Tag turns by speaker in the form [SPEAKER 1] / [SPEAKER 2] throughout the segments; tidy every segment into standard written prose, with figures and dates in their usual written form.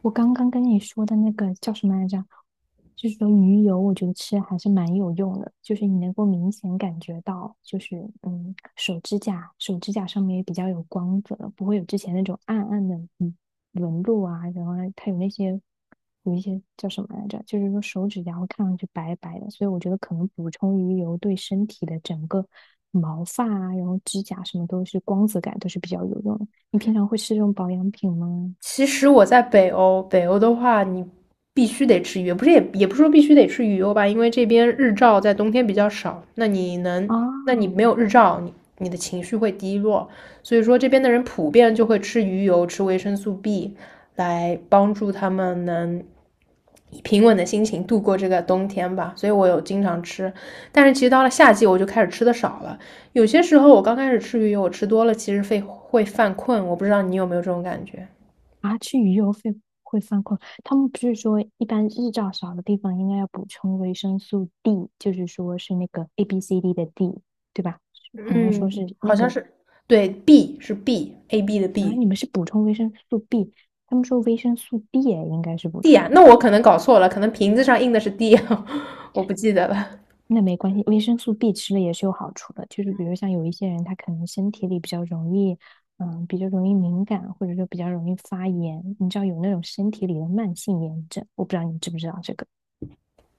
[SPEAKER 1] 我刚刚跟你说的那个叫什么来着？就是说鱼油，我觉得吃还是蛮有用的，就是你能够明显感觉到，就是手指甲上面也比较有光泽，不会有之前那种暗暗的纹路啊，然后它有一些叫什么来着？就是说手指甲会看上去白白的，所以我觉得可能补充鱼油对身体的整个毛发啊，然后指甲什么都是光泽感都是比较有用的。你平常会吃这种保养品吗？
[SPEAKER 2] 其实我在北欧，北欧的话，你必须得吃鱼，不是也不是说必须得吃鱼油吧，因为这边日照在冬天比较少，那你能，那你没
[SPEAKER 1] 啊。
[SPEAKER 2] 有日照，你的情绪会低落，所以说这边的人普遍就会吃鱼油，吃维生素 B,来帮助他们能以平稳的心情度过这个冬天吧。所以我有经常吃，但是其实到了夏季我就开始吃的少了，有些时候我刚开始吃鱼油，我吃多了其实会犯困，我不知道你有没有这种感觉。
[SPEAKER 1] 啊，吃鱼游会犯困。他们不是说，一般日照少的地方应该要补充维生素 D，就是说是那个 A B C D 的 D，对吧？好像说
[SPEAKER 2] 嗯，
[SPEAKER 1] 是
[SPEAKER 2] 好
[SPEAKER 1] 那
[SPEAKER 2] 像
[SPEAKER 1] 个
[SPEAKER 2] 是，对，B 是 B，A B 的
[SPEAKER 1] 啊，
[SPEAKER 2] B，D
[SPEAKER 1] 你们是补充维生素 B，他们说维生素 D 也应该是补
[SPEAKER 2] 啊，
[SPEAKER 1] 充，
[SPEAKER 2] 那我可能搞错了，可能瓶子上印的是 D,我不记得了。
[SPEAKER 1] 那没关系，维生素 B 吃了也是有好处的。就是比如像有一些人，他可能身体里比较容易，比较容易敏感，或者说比较容易发炎，你知道有那种身体里的慢性炎症，我不知道你知不知道这个。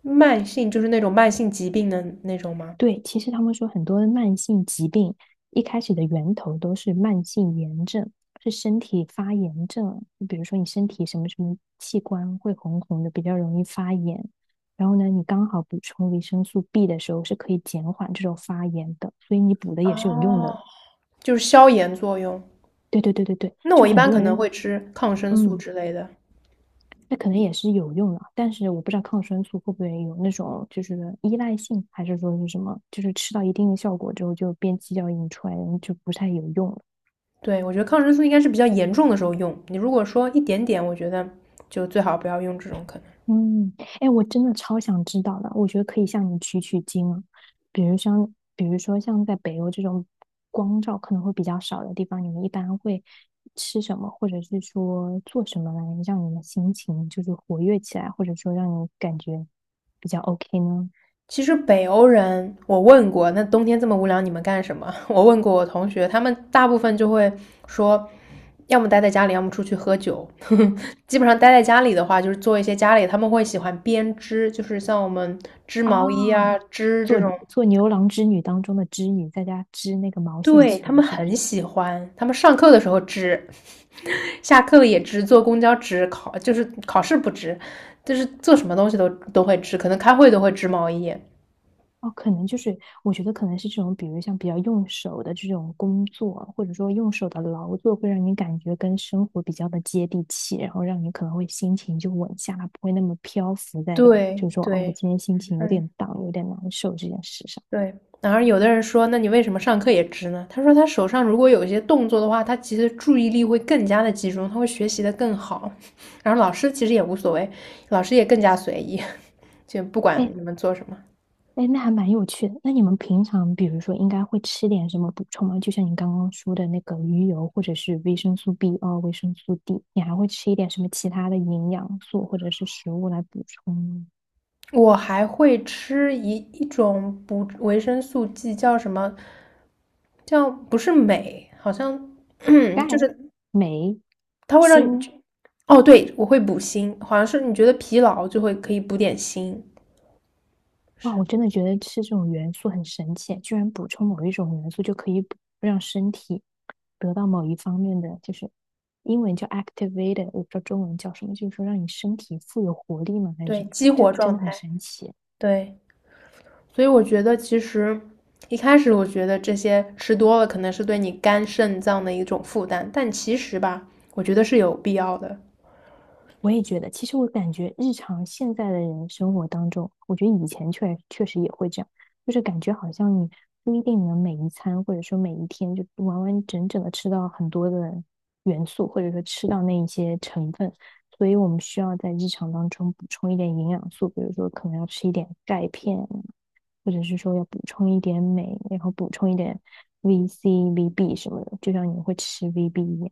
[SPEAKER 2] 慢性就是那种慢性疾病的那种吗？
[SPEAKER 1] 对，其实他们说很多的慢性疾病一开始的源头都是慢性炎症，是身体发炎症。比如说你身体什么什么器官会红红的，比较容易发炎。然后呢，你刚好补充维生素 B 的时候是可以减缓这种发炎的，所以你补的也是有用
[SPEAKER 2] 哦，
[SPEAKER 1] 的。
[SPEAKER 2] 就是消炎作用。
[SPEAKER 1] 对对对对对，
[SPEAKER 2] 那我
[SPEAKER 1] 就
[SPEAKER 2] 一
[SPEAKER 1] 很
[SPEAKER 2] 般
[SPEAKER 1] 多
[SPEAKER 2] 可能
[SPEAKER 1] 人，
[SPEAKER 2] 会吃抗生素
[SPEAKER 1] 嗯，
[SPEAKER 2] 之类的。
[SPEAKER 1] 那可能也是有用的，但是我不知道抗生素会不会有那种就是依赖性，还是说是什么，就是吃到一定的效果之后就变鸡叫引出来，就不太有用了。
[SPEAKER 2] 对，我觉得抗生素应该是比较严重的时候用。你如果说一点点，我觉得就最好不要用这种可能。
[SPEAKER 1] 嗯，哎，我真的超想知道的，我觉得可以向你取取经啊。比如说像在北欧这种光照可能会比较少的地方，你们一般会吃什么，或者是说做什么来让你的心情就是活跃起来，或者说让你感觉比较 OK 呢？
[SPEAKER 2] 其实北欧人，我问过，那冬天这么无聊，你们干什么？我问过我同学，他们大部分就会说，要么待在家里，要么出去喝酒。基本上待在家里的话，就是做一些家里，他们会喜欢编织，就是像我们织
[SPEAKER 1] 啊，
[SPEAKER 2] 毛衣啊、织这
[SPEAKER 1] 做
[SPEAKER 2] 种，
[SPEAKER 1] 做牛郎织女当中的织女，在家织那个毛线
[SPEAKER 2] 对，他
[SPEAKER 1] 球，
[SPEAKER 2] 们
[SPEAKER 1] 是不
[SPEAKER 2] 很
[SPEAKER 1] 是？
[SPEAKER 2] 喜欢。他们上课的时候织，下课了也织，坐公交织，考就是考试不织，就是做什么东西都都会织，可能开会都会织毛衣。
[SPEAKER 1] 哦，可能就是我觉得可能是这种，比如像比较用手的这种工作，或者说用手的劳作，会让你感觉跟生活比较的接地气，然后让你可能会心情就稳下来，不会那么漂浮在，就是
[SPEAKER 2] 对
[SPEAKER 1] 说哦，我
[SPEAKER 2] 对，
[SPEAKER 1] 今天心情有
[SPEAKER 2] 嗯。
[SPEAKER 1] 点荡，有点难受这件事上。
[SPEAKER 2] 对，然后有的人说，那你为什么上课也直呢？他说他手上如果有一些动作的话，他其实注意力会更加的集中，他会学习的更好。然后老师其实也无所谓，老师也更加随意，就不管
[SPEAKER 1] 哎，
[SPEAKER 2] 你们做什么。
[SPEAKER 1] 哎，那还蛮有趣的。那你们平常，比如说，应该会吃点什么补充吗？就像你刚刚说的那个鱼油，或者是维生素 B2、维生素 D，你还会吃一点什么其他的营养素或者是食物来补充吗？
[SPEAKER 2] 我还会吃一种补维生素剂，叫什么？叫不是镁，好像
[SPEAKER 1] 钙、
[SPEAKER 2] 就是
[SPEAKER 1] 镁、
[SPEAKER 2] 它会让你
[SPEAKER 1] 锌。
[SPEAKER 2] 哦，对，我会补锌，好像是你觉得疲劳就会可以补点锌，
[SPEAKER 1] 哇，我真的觉得吃这种元素很神奇，居然补充某一种元素就可以补让身体得到某一方面的，就是英文叫 activated，我不知道中文叫什么，就是说让你身体富有活力吗？还是
[SPEAKER 2] 对，
[SPEAKER 1] 什么？
[SPEAKER 2] 激
[SPEAKER 1] 就
[SPEAKER 2] 活
[SPEAKER 1] 真
[SPEAKER 2] 状
[SPEAKER 1] 的很
[SPEAKER 2] 态，
[SPEAKER 1] 神奇。
[SPEAKER 2] 对。所以我觉得其实一开始我觉得这些吃多了可能是对你肝肾脏的一种负担，但其实吧，我觉得是有必要的。
[SPEAKER 1] 我也觉得，其实我感觉日常现在的人生活当中，我觉得以前确确实也会这样，就是感觉好像你不一定能每一餐或者说每一天就完完整整的吃到很多的元素，或者说吃到那一些成分，所以我们需要在日常当中补充一点营养素，比如说可能要吃一点钙片，或者是说要补充一点镁，然后补充一点 VC、VB 什么的，就像你会吃 VB 一样。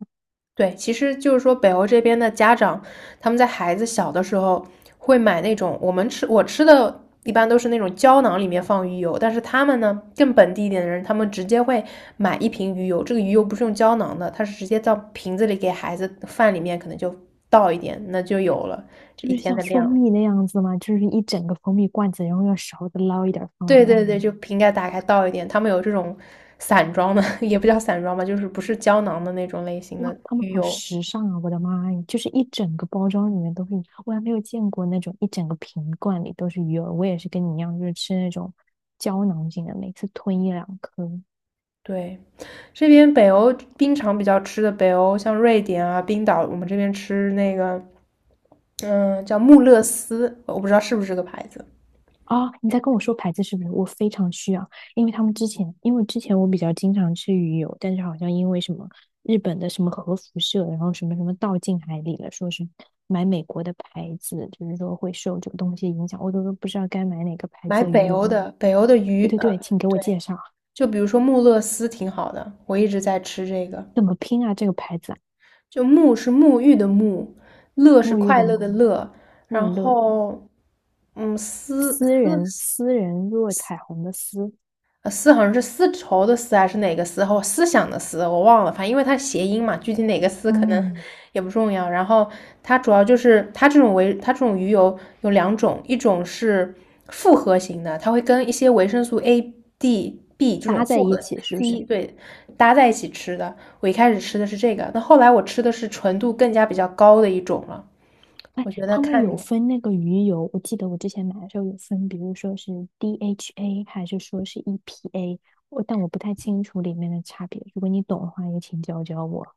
[SPEAKER 2] 对，其实就是说北欧这边的家长，他们在孩子小的时候会买那种我吃的一般都是那种胶囊里面放鱼油，但是他们呢更本地一点的人，他们直接会买一瓶鱼油，这个鱼油不是用胶囊的，它是直接到瓶子里给孩子饭里面可能就倒一点，那就有了这
[SPEAKER 1] 就
[SPEAKER 2] 一
[SPEAKER 1] 是
[SPEAKER 2] 天
[SPEAKER 1] 像
[SPEAKER 2] 的
[SPEAKER 1] 蜂
[SPEAKER 2] 量。
[SPEAKER 1] 蜜那样子嘛，就是一整个蜂蜜罐子，然后用勺子捞一点儿放到
[SPEAKER 2] 对对
[SPEAKER 1] 饭里
[SPEAKER 2] 对，
[SPEAKER 1] 面。
[SPEAKER 2] 就瓶盖打开倒一点。他们有这种散装的，也不叫散装吧，就是不是胶囊的那种类型
[SPEAKER 1] 哇，
[SPEAKER 2] 的
[SPEAKER 1] 他们
[SPEAKER 2] 鱼
[SPEAKER 1] 好
[SPEAKER 2] 油。
[SPEAKER 1] 时尚啊！我的妈呀，就是一整个包装里面都是，我还没有见过那种一整个瓶罐里都是鱼饵。我也是跟你一样，就是吃那种胶囊型的，每次吞一两颗。
[SPEAKER 2] 对，这边北欧冰场比较吃的，北欧像瑞典啊、冰岛，我们这边吃那个，嗯，叫穆勒斯，我不知道是不是这个牌子。
[SPEAKER 1] 啊，你在跟我说牌子是不是？我非常需要，因为他们之前，因为之前我比较经常吃鱼油，但是好像因为什么日本的什么核辐射，然后什么什么倒进海里了，说是买美国的牌子，就是说会受这个东西影响，我都不知道该买哪个牌
[SPEAKER 2] 买
[SPEAKER 1] 子的鱼
[SPEAKER 2] 北
[SPEAKER 1] 油
[SPEAKER 2] 欧
[SPEAKER 1] 了。
[SPEAKER 2] 的，北欧的鱼，
[SPEAKER 1] 对对对，请给我
[SPEAKER 2] 对，
[SPEAKER 1] 介绍。
[SPEAKER 2] 就比如说穆勒斯挺好的，我一直在吃这个。
[SPEAKER 1] 怎么拼啊？这个牌子啊，
[SPEAKER 2] 就沐是沐浴的沐，乐是
[SPEAKER 1] 沐浴
[SPEAKER 2] 快
[SPEAKER 1] 的
[SPEAKER 2] 乐的
[SPEAKER 1] 沐，
[SPEAKER 2] 乐，然
[SPEAKER 1] 穆勒，
[SPEAKER 2] 后嗯，思
[SPEAKER 1] 私
[SPEAKER 2] 思
[SPEAKER 1] 人私人若彩虹的私，
[SPEAKER 2] 丝好像是丝绸的丝还是哪个丝，或思想的思，我忘了，反正因为它谐音嘛，具体哪个丝可能
[SPEAKER 1] 嗯，
[SPEAKER 2] 也不重要。然后它主要就是它这种鱼油有两种，一种是复合型的，它会跟一些维生素 A、D、B 这种
[SPEAKER 1] 搭在
[SPEAKER 2] 复合
[SPEAKER 1] 一起是不
[SPEAKER 2] C
[SPEAKER 1] 是？
[SPEAKER 2] 对搭在一起吃的。我一开始吃的是这个，那后来我吃的是纯度更加比较高的一种了。
[SPEAKER 1] 哎，
[SPEAKER 2] 我觉得
[SPEAKER 1] 他们
[SPEAKER 2] 看你。
[SPEAKER 1] 有分那个鱼油，我记得我之前买的时候有分，比如说是 DHA 还是说是 EPA，我但我不太清楚里面的差别。如果你懂的话，也请教教我。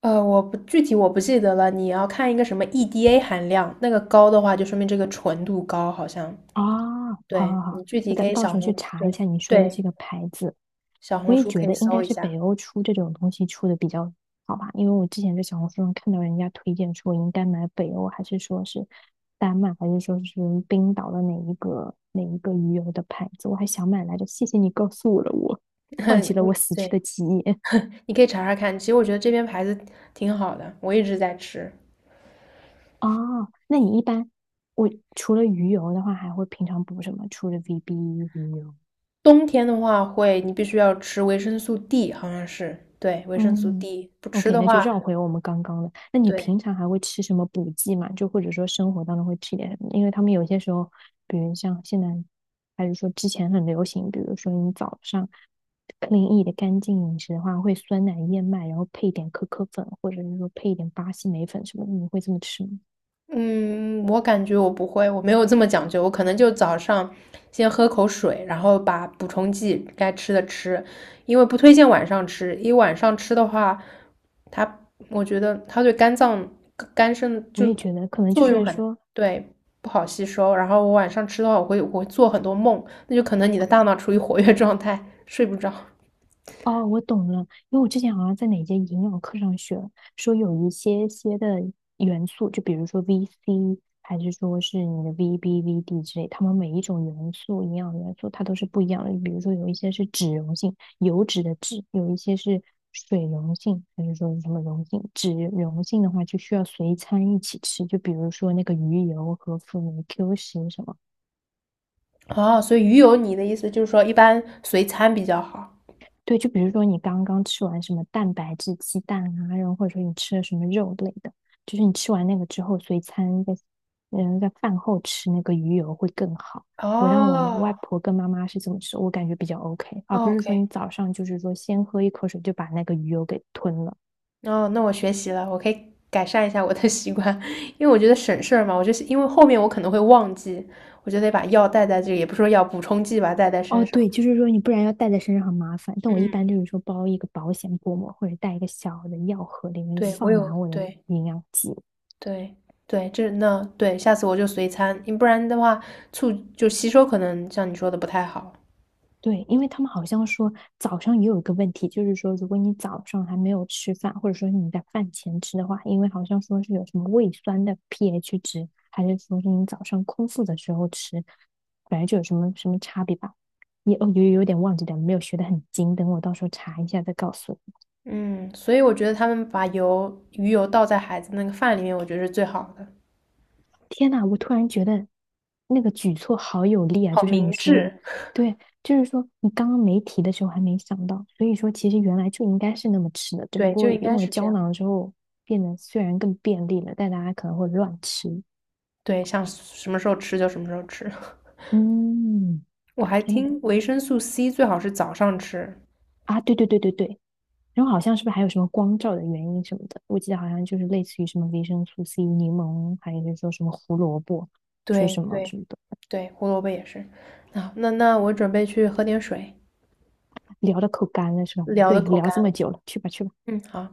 [SPEAKER 2] 我不记得了，你要看一个什么 EDA 含量，那个高的话就说明这个纯度高，好像。
[SPEAKER 1] 啊，好
[SPEAKER 2] 对，
[SPEAKER 1] 好
[SPEAKER 2] 你
[SPEAKER 1] 好，
[SPEAKER 2] 具
[SPEAKER 1] 我
[SPEAKER 2] 体
[SPEAKER 1] 到
[SPEAKER 2] 可以
[SPEAKER 1] 到
[SPEAKER 2] 小
[SPEAKER 1] 时候去
[SPEAKER 2] 红，
[SPEAKER 1] 查
[SPEAKER 2] 对
[SPEAKER 1] 一下你说的
[SPEAKER 2] 对，
[SPEAKER 1] 这个牌子。
[SPEAKER 2] 小
[SPEAKER 1] 我
[SPEAKER 2] 红
[SPEAKER 1] 也
[SPEAKER 2] 书
[SPEAKER 1] 觉
[SPEAKER 2] 可以
[SPEAKER 1] 得应该
[SPEAKER 2] 搜一
[SPEAKER 1] 是北
[SPEAKER 2] 下，
[SPEAKER 1] 欧出这种东西出的比较好吧，因为我之前在小红书上看到人家推荐说应该买北欧，还是说是丹麦，还是说是冰岛的哪一个鱼油的牌子，我还想买来着。谢谢你告诉了我，唤起了我
[SPEAKER 2] 嗯，
[SPEAKER 1] 死去
[SPEAKER 2] 对，
[SPEAKER 1] 的记忆。
[SPEAKER 2] 你可以查查看。其实我觉得这边牌子挺好的，我一直在吃。
[SPEAKER 1] 哦，那你一般我除了鱼油的话，还会平常补什么？除了 VB 鱼油？
[SPEAKER 2] 冬天的话会，你必须要吃维生素 D,好像是，对，维生素
[SPEAKER 1] 嗯
[SPEAKER 2] D,不吃
[SPEAKER 1] ，OK，
[SPEAKER 2] 的
[SPEAKER 1] 那就
[SPEAKER 2] 话，
[SPEAKER 1] 绕回我们刚刚的。那你
[SPEAKER 2] 对。
[SPEAKER 1] 平常还会吃什么补剂吗？就或者说生活当中会吃一点什么？因为他们有些时候，比如像现在，还是说之前很流行，比如说你早上 clean e 的干净饮食的话，会酸奶燕麦，然后配一点可可粉，或者是说配一点巴西莓粉什么的，你会这么吃吗？
[SPEAKER 2] 嗯，我感觉我不会，我没有这么讲究，我可能就早上先喝口水，然后把补充剂该吃的吃，因为不推荐晚上吃，因为晚上吃的话，它我觉得它对肝脏、肝肾
[SPEAKER 1] 我
[SPEAKER 2] 就
[SPEAKER 1] 也觉得可能就
[SPEAKER 2] 作用
[SPEAKER 1] 是
[SPEAKER 2] 很，
[SPEAKER 1] 说，
[SPEAKER 2] 对，不好吸收。然后我晚上吃的话，我会做很多梦，那就可能你的大脑处于活跃状态，睡不着。
[SPEAKER 1] 哦，我懂了，因为我之前好像在哪节营养课上学，说有一些些的元素，就比如说 VC，还是说是你的 VB、VD 之类，它们每一种元素、营养元素它都是不一样的。比如说有一些是脂溶性，油脂的脂，有一些是水溶性，还是说是什么溶性？脂溶性的话就需要随餐一起吃，就比如说那个鱼油和辅酶 Q10什么。
[SPEAKER 2] 哦，所以鱼油，你的意思就是说一般随餐比较好。
[SPEAKER 1] 对，就比如说你刚刚吃完什么蛋白质鸡蛋啊，然后或者说你吃了什么肉类的，就是你吃完那个之后，随餐在饭后吃那个鱼油会更好。我让我
[SPEAKER 2] 哦
[SPEAKER 1] 外婆跟妈妈是这么吃，我感觉比较 OK，而不是说
[SPEAKER 2] ，OK。
[SPEAKER 1] 你早上就是说先喝一口水就把那个鱼油给吞了。
[SPEAKER 2] 哦，那我学习了，我可以改善一下我的 习惯，因为我觉得省事儿嘛。我就是因为后面我可能会忘记，我就得把药带在这里也不是说药补充剂吧，带在
[SPEAKER 1] 哦，
[SPEAKER 2] 身上。
[SPEAKER 1] 对，就是说你不然要带在身上很麻烦。但我一
[SPEAKER 2] 嗯，
[SPEAKER 1] 般就是说包一个保险薄膜，或者带一个小的药盒，里面
[SPEAKER 2] 对，我
[SPEAKER 1] 放
[SPEAKER 2] 有，
[SPEAKER 1] 满我的
[SPEAKER 2] 对
[SPEAKER 1] 营养剂。
[SPEAKER 2] 对对，这那对，下次我就随餐，你不然的话促就吸收可能像你说的不太好。
[SPEAKER 1] 对，因为他们好像说早上也有一个问题，就是说如果你早上还没有吃饭，或者说你在饭前吃的话，因为好像说是有什么胃酸的 pH 值，还是说是你早上空腹的时候吃，反正就有什么什么差别吧。也哦，有点忘记了，没有学得很精，等我到时候查一下再告诉你。
[SPEAKER 2] 嗯，所以我觉得他们把油鱼油倒在孩子那个饭里面，我觉得是最好的，
[SPEAKER 1] 天呐，我突然觉得那个举措好有力啊！
[SPEAKER 2] 好
[SPEAKER 1] 就像你
[SPEAKER 2] 明
[SPEAKER 1] 说的，
[SPEAKER 2] 智。
[SPEAKER 1] 对，就是说你刚刚没提的时候还没想到，所以说其实原来就应该是那么吃的，只不
[SPEAKER 2] 对，就
[SPEAKER 1] 过
[SPEAKER 2] 应该
[SPEAKER 1] 用了
[SPEAKER 2] 是这
[SPEAKER 1] 胶
[SPEAKER 2] 样。
[SPEAKER 1] 囊之后变得虽然更便利了，但大家可能会乱吃。
[SPEAKER 2] 对，想什么时候吃就什么时候吃。
[SPEAKER 1] 嗯，
[SPEAKER 2] 我还
[SPEAKER 1] 天呐，
[SPEAKER 2] 听维生素 C 最好是早上吃。
[SPEAKER 1] 啊，对对对对对，然后好像是不是还有什么光照的原因什么的？我记得好像就是类似于什么维生素 C、柠檬，还有就是说什么胡萝卜，说
[SPEAKER 2] 对
[SPEAKER 1] 什么
[SPEAKER 2] 对
[SPEAKER 1] 什么的，
[SPEAKER 2] 对，胡萝卜也是。啊，那我准备去喝点水，
[SPEAKER 1] 聊的口干了是吧？
[SPEAKER 2] 聊的
[SPEAKER 1] 对，
[SPEAKER 2] 口
[SPEAKER 1] 聊
[SPEAKER 2] 干
[SPEAKER 1] 这么
[SPEAKER 2] 了
[SPEAKER 1] 久了，去吧去吧。
[SPEAKER 2] 嗯，好。